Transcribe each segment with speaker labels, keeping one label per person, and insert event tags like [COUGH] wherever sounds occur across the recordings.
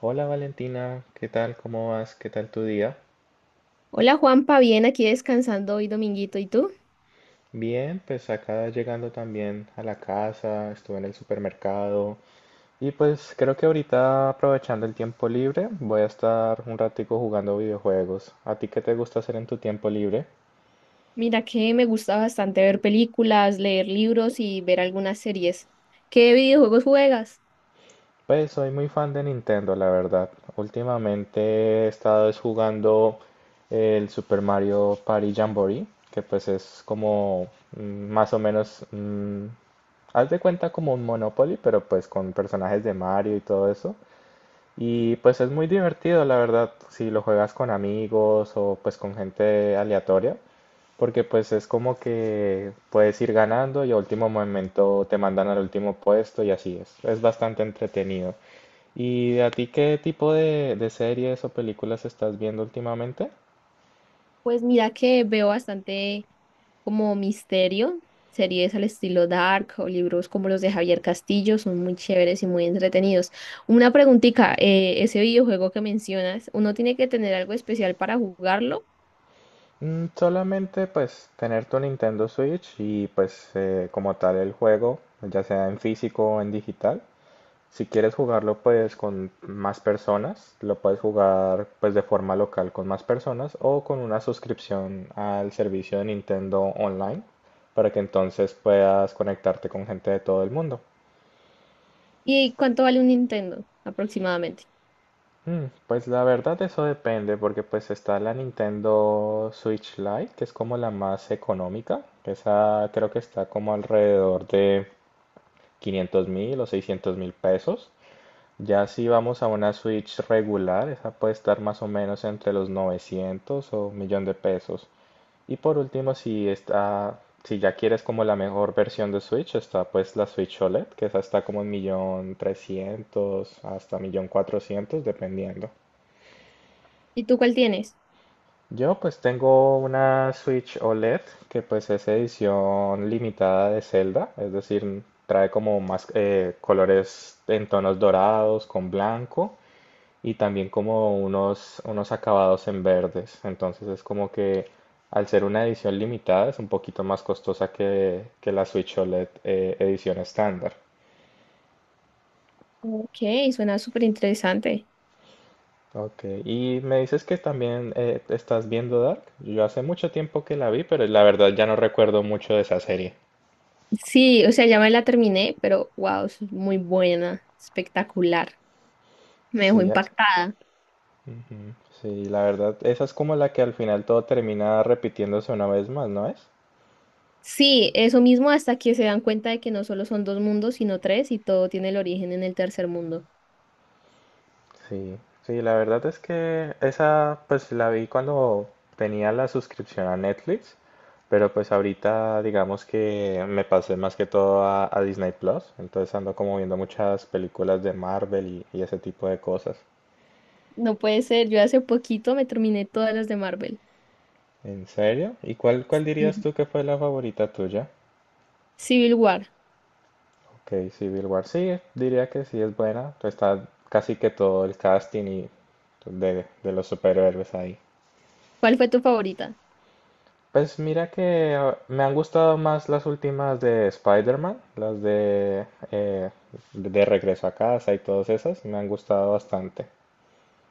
Speaker 1: Hola Valentina, ¿qué tal? ¿Cómo vas? ¿Qué tal tu día?
Speaker 2: Hola Juanpa, bien, aquí descansando hoy dominguito, ¿y tú?
Speaker 1: Bien, pues acá llegando también a la casa, estuve en el supermercado y pues creo que ahorita aprovechando el tiempo libre voy a estar un ratico jugando videojuegos. ¿A ti qué te gusta hacer en tu tiempo libre?
Speaker 2: Mira que me gusta bastante ver películas, leer libros y ver algunas series. ¿Qué videojuegos juegas?
Speaker 1: Pues soy muy fan de Nintendo, la verdad. Últimamente he estado es jugando el Super Mario Party Jamboree, que pues es como mm, más o menos, mm, haz de cuenta como un Monopoly, pero pues con personajes de Mario y todo eso. Y pues es muy divertido, la verdad, si lo juegas con amigos o pues con gente aleatoria, porque pues es como que puedes ir ganando y a último momento te mandan al último puesto y así es. Es bastante entretenido. ¿Y a ti qué tipo de series o películas estás viendo últimamente?
Speaker 2: Pues mira que veo bastante como misterio, series al estilo Dark o libros como los de Javier Castillo, son muy chéveres y muy entretenidos. Una preguntita, ese videojuego que mencionas, ¿uno tiene que tener algo especial para jugarlo?
Speaker 1: Mm, solamente pues tener tu Nintendo Switch y pues como tal el juego, ya sea en físico o en digital. Si quieres jugarlo pues con más personas, lo puedes jugar pues de forma local con más personas o con una suscripción al servicio de Nintendo Online para que entonces puedas conectarte con gente de todo el mundo.
Speaker 2: ¿Y cuánto vale un Nintendo aproximadamente?
Speaker 1: Mm, pues la verdad eso depende porque pues está la Nintendo Switch Lite que es como la más económica, que esa creo que está como alrededor de 500 mil o 600 mil pesos. Ya si vamos a una Switch regular, esa puede estar más o menos entre los 900 o un millón de pesos. Y por último, si ya quieres como la mejor versión de Switch, está pues la Switch OLED, que esa está como en millón 300 hasta millón 400 dependiendo.
Speaker 2: ¿Y tú cuál tienes?
Speaker 1: Yo pues tengo una Switch OLED que pues es edición limitada de Zelda, es decir, trae como más colores en tonos dorados con blanco y también como unos acabados en verdes. Entonces es como que al ser una edición limitada es un poquito más costosa que la Switch OLED, edición estándar.
Speaker 2: Ok, suena súper interesante.
Speaker 1: Ok, y me dices que también estás viendo Dark. Yo hace mucho tiempo que la vi, pero la verdad ya no recuerdo mucho de esa serie.
Speaker 2: Sí, o sea, ya me la terminé, pero wow, es muy buena, espectacular. Me dejó
Speaker 1: Sí, a-
Speaker 2: impactada.
Speaker 1: Ujú. Sí, la verdad, esa es como la que al final todo termina repitiéndose una vez más, ¿no es?
Speaker 2: Sí, eso mismo hasta que se dan cuenta de que no solo son dos mundos, sino tres, y todo tiene el origen en el tercer mundo.
Speaker 1: Sí, sí, la verdad es que esa pues la vi cuando tenía la suscripción a Netflix, pero pues ahorita digamos que me pasé más que todo a Disney Plus, entonces ando como viendo muchas películas de Marvel y ese tipo de cosas.
Speaker 2: No puede ser, yo hace poquito me terminé todas las de Marvel.
Speaker 1: ¿En serio? ¿Y cuál dirías
Speaker 2: Sí.
Speaker 1: tú que fue la favorita tuya?
Speaker 2: Civil War,
Speaker 1: Ok, Civil War, sí, diría que sí es buena. Está casi que todo el casting y de los superhéroes ahí.
Speaker 2: ¿cuál fue tu favorita?
Speaker 1: Pues mira que me han gustado más las últimas de Spider-Man, eh, de Regreso a Casa y todas esas, me han gustado bastante.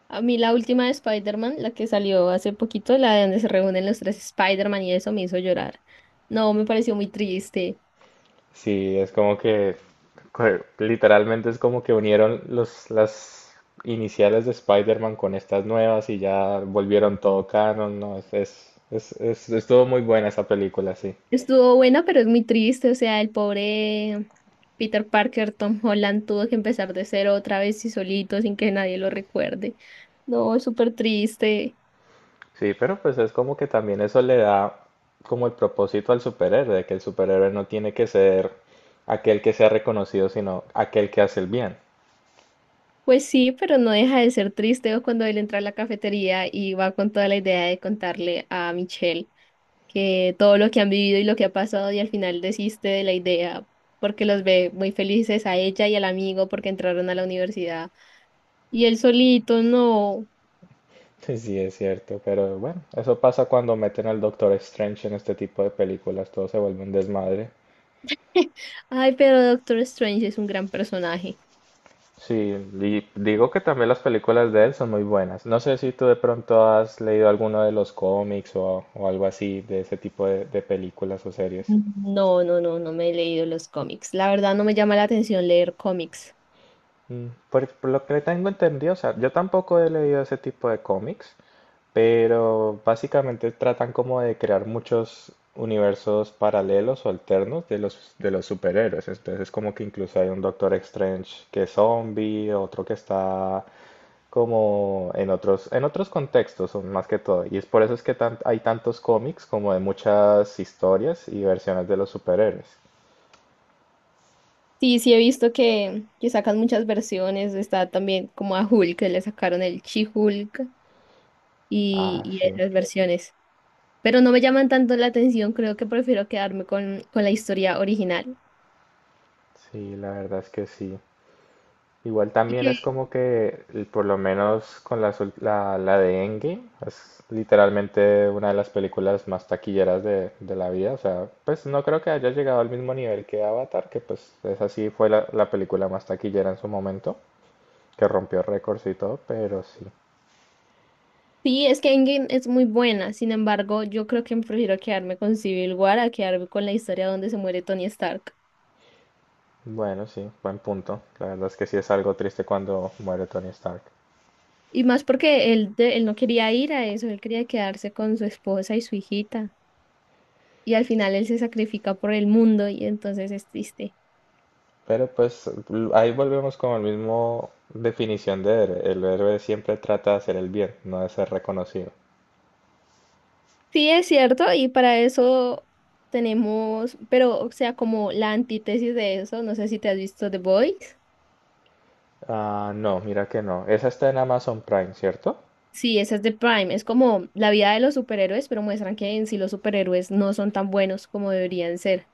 Speaker 2: A mí la última de Spider-Man, la que salió hace poquito, la de donde se reúnen los tres Spider-Man y eso me hizo llorar. No, me pareció muy triste.
Speaker 1: Sí, es como que literalmente es como que unieron las iniciales de Spider-Man con estas nuevas y ya volvieron todo canon, ¿no? Estuvo muy buena esa película, sí.
Speaker 2: Estuvo buena, pero es muy triste. O sea, el pobre Peter Parker, Tom Holland, tuvo que empezar de cero otra vez y solito, sin que nadie lo recuerde. No, es súper triste.
Speaker 1: Sí, pero pues es como que también eso le da como el propósito al superhéroe, de que el superhéroe no tiene que ser aquel que sea reconocido, sino aquel que hace el bien. [LAUGHS]
Speaker 2: Pues sí, pero no deja de ser triste o cuando él entra a la cafetería y va con toda la idea de contarle a Michelle que todo lo que han vivido y lo que ha pasado y al final desiste de la idea porque los ve muy felices a ella y al amigo porque entraron a la universidad. Y él solito, no.
Speaker 1: Sí, sí, es cierto, pero bueno, eso pasa cuando meten al Doctor Strange en este tipo de películas, todo se vuelve un desmadre.
Speaker 2: [LAUGHS] Ay, pero Doctor Strange es un gran personaje.
Speaker 1: Sí, y digo que también las películas de él son muy buenas. No sé si tú de pronto has leído alguno de los cómics o algo así de ese tipo de películas o series.
Speaker 2: No, no, no, me he leído los cómics. La verdad no me llama la atención leer cómics.
Speaker 1: Mm, por lo que tengo entendido, o sea, yo tampoco he leído ese tipo de cómics, pero básicamente tratan como de crear muchos universos paralelos o alternos de de los superhéroes. Entonces, como que incluso hay un Doctor Strange que es zombie, otro que está como en en otros contextos son más que todo. Y es por eso es que hay tantos cómics como de muchas historias y versiones de los superhéroes.
Speaker 2: Sí, sí he visto que sacan muchas versiones. Está también como a Hulk, que le sacaron el She-Hulk y,
Speaker 1: Ah,
Speaker 2: y
Speaker 1: sí,
Speaker 2: esas versiones. Pero no me llaman tanto la atención. Creo que prefiero quedarme con la historia original.
Speaker 1: sí, la verdad es que sí. Igual
Speaker 2: Y
Speaker 1: también
Speaker 2: que
Speaker 1: es como por lo menos con las ul- la, de Endgame, es literalmente una de las películas más taquilleras de la vida. O sea, pues no creo que haya llegado al mismo nivel que Avatar, que pues esa sí fue la película más taquillera en su momento, que rompió récords y todo, pero sí.
Speaker 2: sí, es que Endgame es muy buena. Sin embargo, yo creo que prefiero quedarme con Civil War a quedarme con la historia donde se muere Tony Stark.
Speaker 1: Bueno, sí, buen punto. La verdad es que sí es algo triste cuando muere Tony Stark.
Speaker 2: Y más porque él no quería ir a eso, él quería quedarse con su esposa y su hijita. Y al final él se sacrifica por el mundo y entonces es triste.
Speaker 1: Pero pues ahí volvemos con la mismo definición de héroe. El héroe siempre trata de hacer el bien, no de ser reconocido.
Speaker 2: Sí, es cierto, y para eso tenemos, pero o sea, como la antítesis de eso, no sé si te has visto The Boys.
Speaker 1: Ah, no, mira que no. Esa está en Amazon Prime, ¿cierto?
Speaker 2: Sí, esa es de Prime, es como la vida de los superhéroes, pero muestran que en sí los superhéroes no son tan buenos como deberían ser,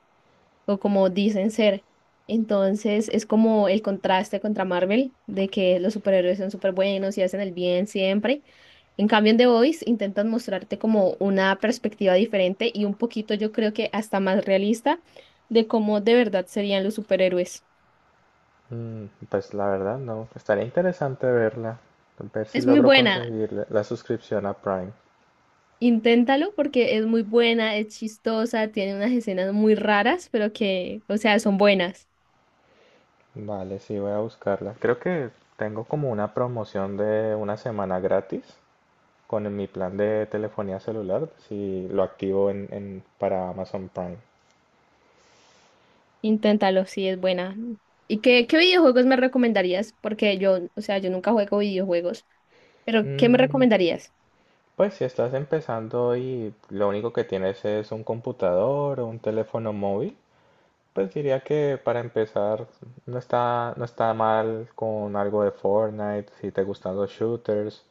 Speaker 2: o como dicen ser. Entonces es como el contraste contra Marvel, de que los superhéroes son súper buenos y hacen el bien siempre. En cambio, en The Voice intentan mostrarte como una perspectiva diferente y un poquito, yo creo que hasta más realista, de cómo de verdad serían los superhéroes.
Speaker 1: Mm, pues la verdad no. Estaría interesante verla. Ver si
Speaker 2: Es muy
Speaker 1: logro
Speaker 2: buena,
Speaker 1: conseguir la suscripción a Prime.
Speaker 2: inténtalo porque es muy buena, es chistosa, tiene unas escenas muy raras, pero que, o sea, son buenas.
Speaker 1: Vale, sí, voy a buscarla. Creo que tengo como una promoción de una semana gratis con mi plan de telefonía celular, si lo activo para Amazon Prime.
Speaker 2: Inténtalo, sí, es buena. ¿Y qué videojuegos me recomendarías? Porque yo, o sea, yo nunca juego videojuegos, pero ¿qué me
Speaker 1: Mm,
Speaker 2: recomendarías?
Speaker 1: pues si estás empezando y lo único que tienes es un computador o un teléfono móvil, pues diría que para empezar no está mal con algo de Fortnite, si te gustan los shooters.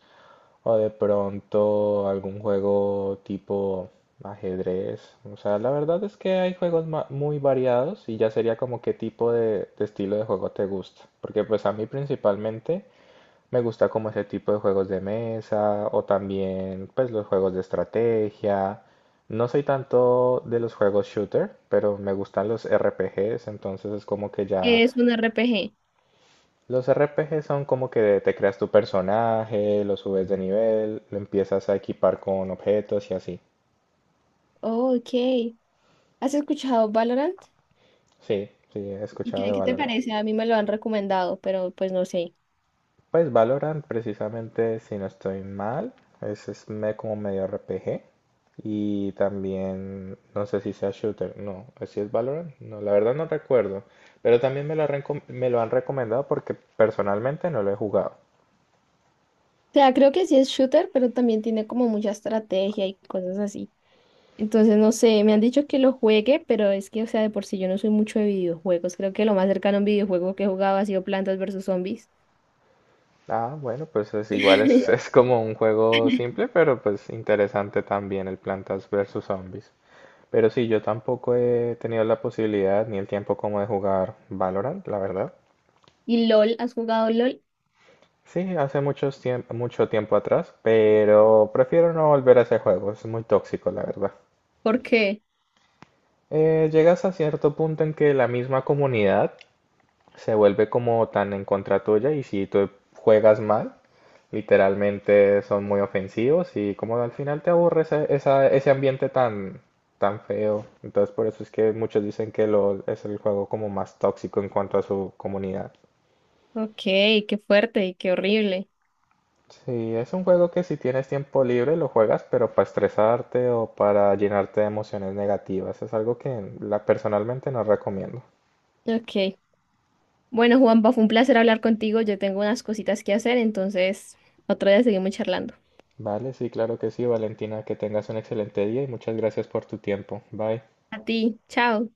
Speaker 1: O de pronto algún juego tipo ajedrez. O sea, la verdad es que hay juegos muy variados y ya sería como qué tipo de estilo de juego te gusta. Porque pues a mí principalmente me gusta como ese tipo de juegos de mesa o también pues los juegos de estrategia. No soy tanto de los juegos shooter, pero me gustan los RPGs, entonces es como que ya
Speaker 2: ¿Qué es un RPG?
Speaker 1: los RPG son como que te creas tu personaje, lo subes de nivel, lo empiezas a equipar con objetos y así.
Speaker 2: Oh, ok. ¿Has escuchado Valorant?
Speaker 1: Sí, sí, he
Speaker 2: ¿Y
Speaker 1: escuchado de
Speaker 2: qué te
Speaker 1: Valorant.
Speaker 2: parece? A mí me lo han recomendado, pero pues no sé.
Speaker 1: Pues Valorant, precisamente, si no estoy mal, como medio RPG. Y también, no sé si sea shooter, no, si es Valorant, no, la verdad no recuerdo. Pero también me lo han recomendado porque personalmente no lo he jugado.
Speaker 2: O sea, creo que sí es shooter, pero también tiene como mucha estrategia y cosas así. Entonces, no sé, me han dicho que lo juegue, pero es que, o sea, de por sí yo no soy mucho de videojuegos. Creo que lo más cercano a un videojuego que he jugado ha sido Plantas versus Zombies.
Speaker 1: Ah, bueno, pues es igual, es, [LAUGHS] es
Speaker 2: [LAUGHS]
Speaker 1: como un juego simple, pero pues interesante también el Plantas versus Zombies. Pero sí, yo tampoco he tenido la posibilidad ni el tiempo como de jugar Valorant, la verdad.
Speaker 2: ¿Y LOL? ¿Has jugado LOL?
Speaker 1: Sí, hace mucho tiempo atrás, pero prefiero no volver a ese juego, es muy tóxico, la verdad.
Speaker 2: ¿Por qué?
Speaker 1: Llegas a cierto punto en que la misma comunidad se vuelve como tan en contra tuya y si tú juegas mal, literalmente son muy ofensivos y como al final te aburre ese ambiente tan, tan feo. Entonces por eso es que muchos dicen que LOL es el juego como más tóxico en cuanto a su comunidad.
Speaker 2: Ok, qué fuerte y qué horrible.
Speaker 1: Sí, es un juego que si tienes tiempo libre lo juegas, pero para estresarte o para llenarte de emociones negativas. Es algo que personalmente no recomiendo.
Speaker 2: Ok. Bueno, Juanpa, fue un placer hablar contigo. Yo tengo unas cositas que hacer, entonces otro día seguimos charlando.
Speaker 1: Vale, sí, claro que sí, Valentina, que tengas un excelente día y muchas gracias por tu tiempo. Bye.
Speaker 2: A ti, chao.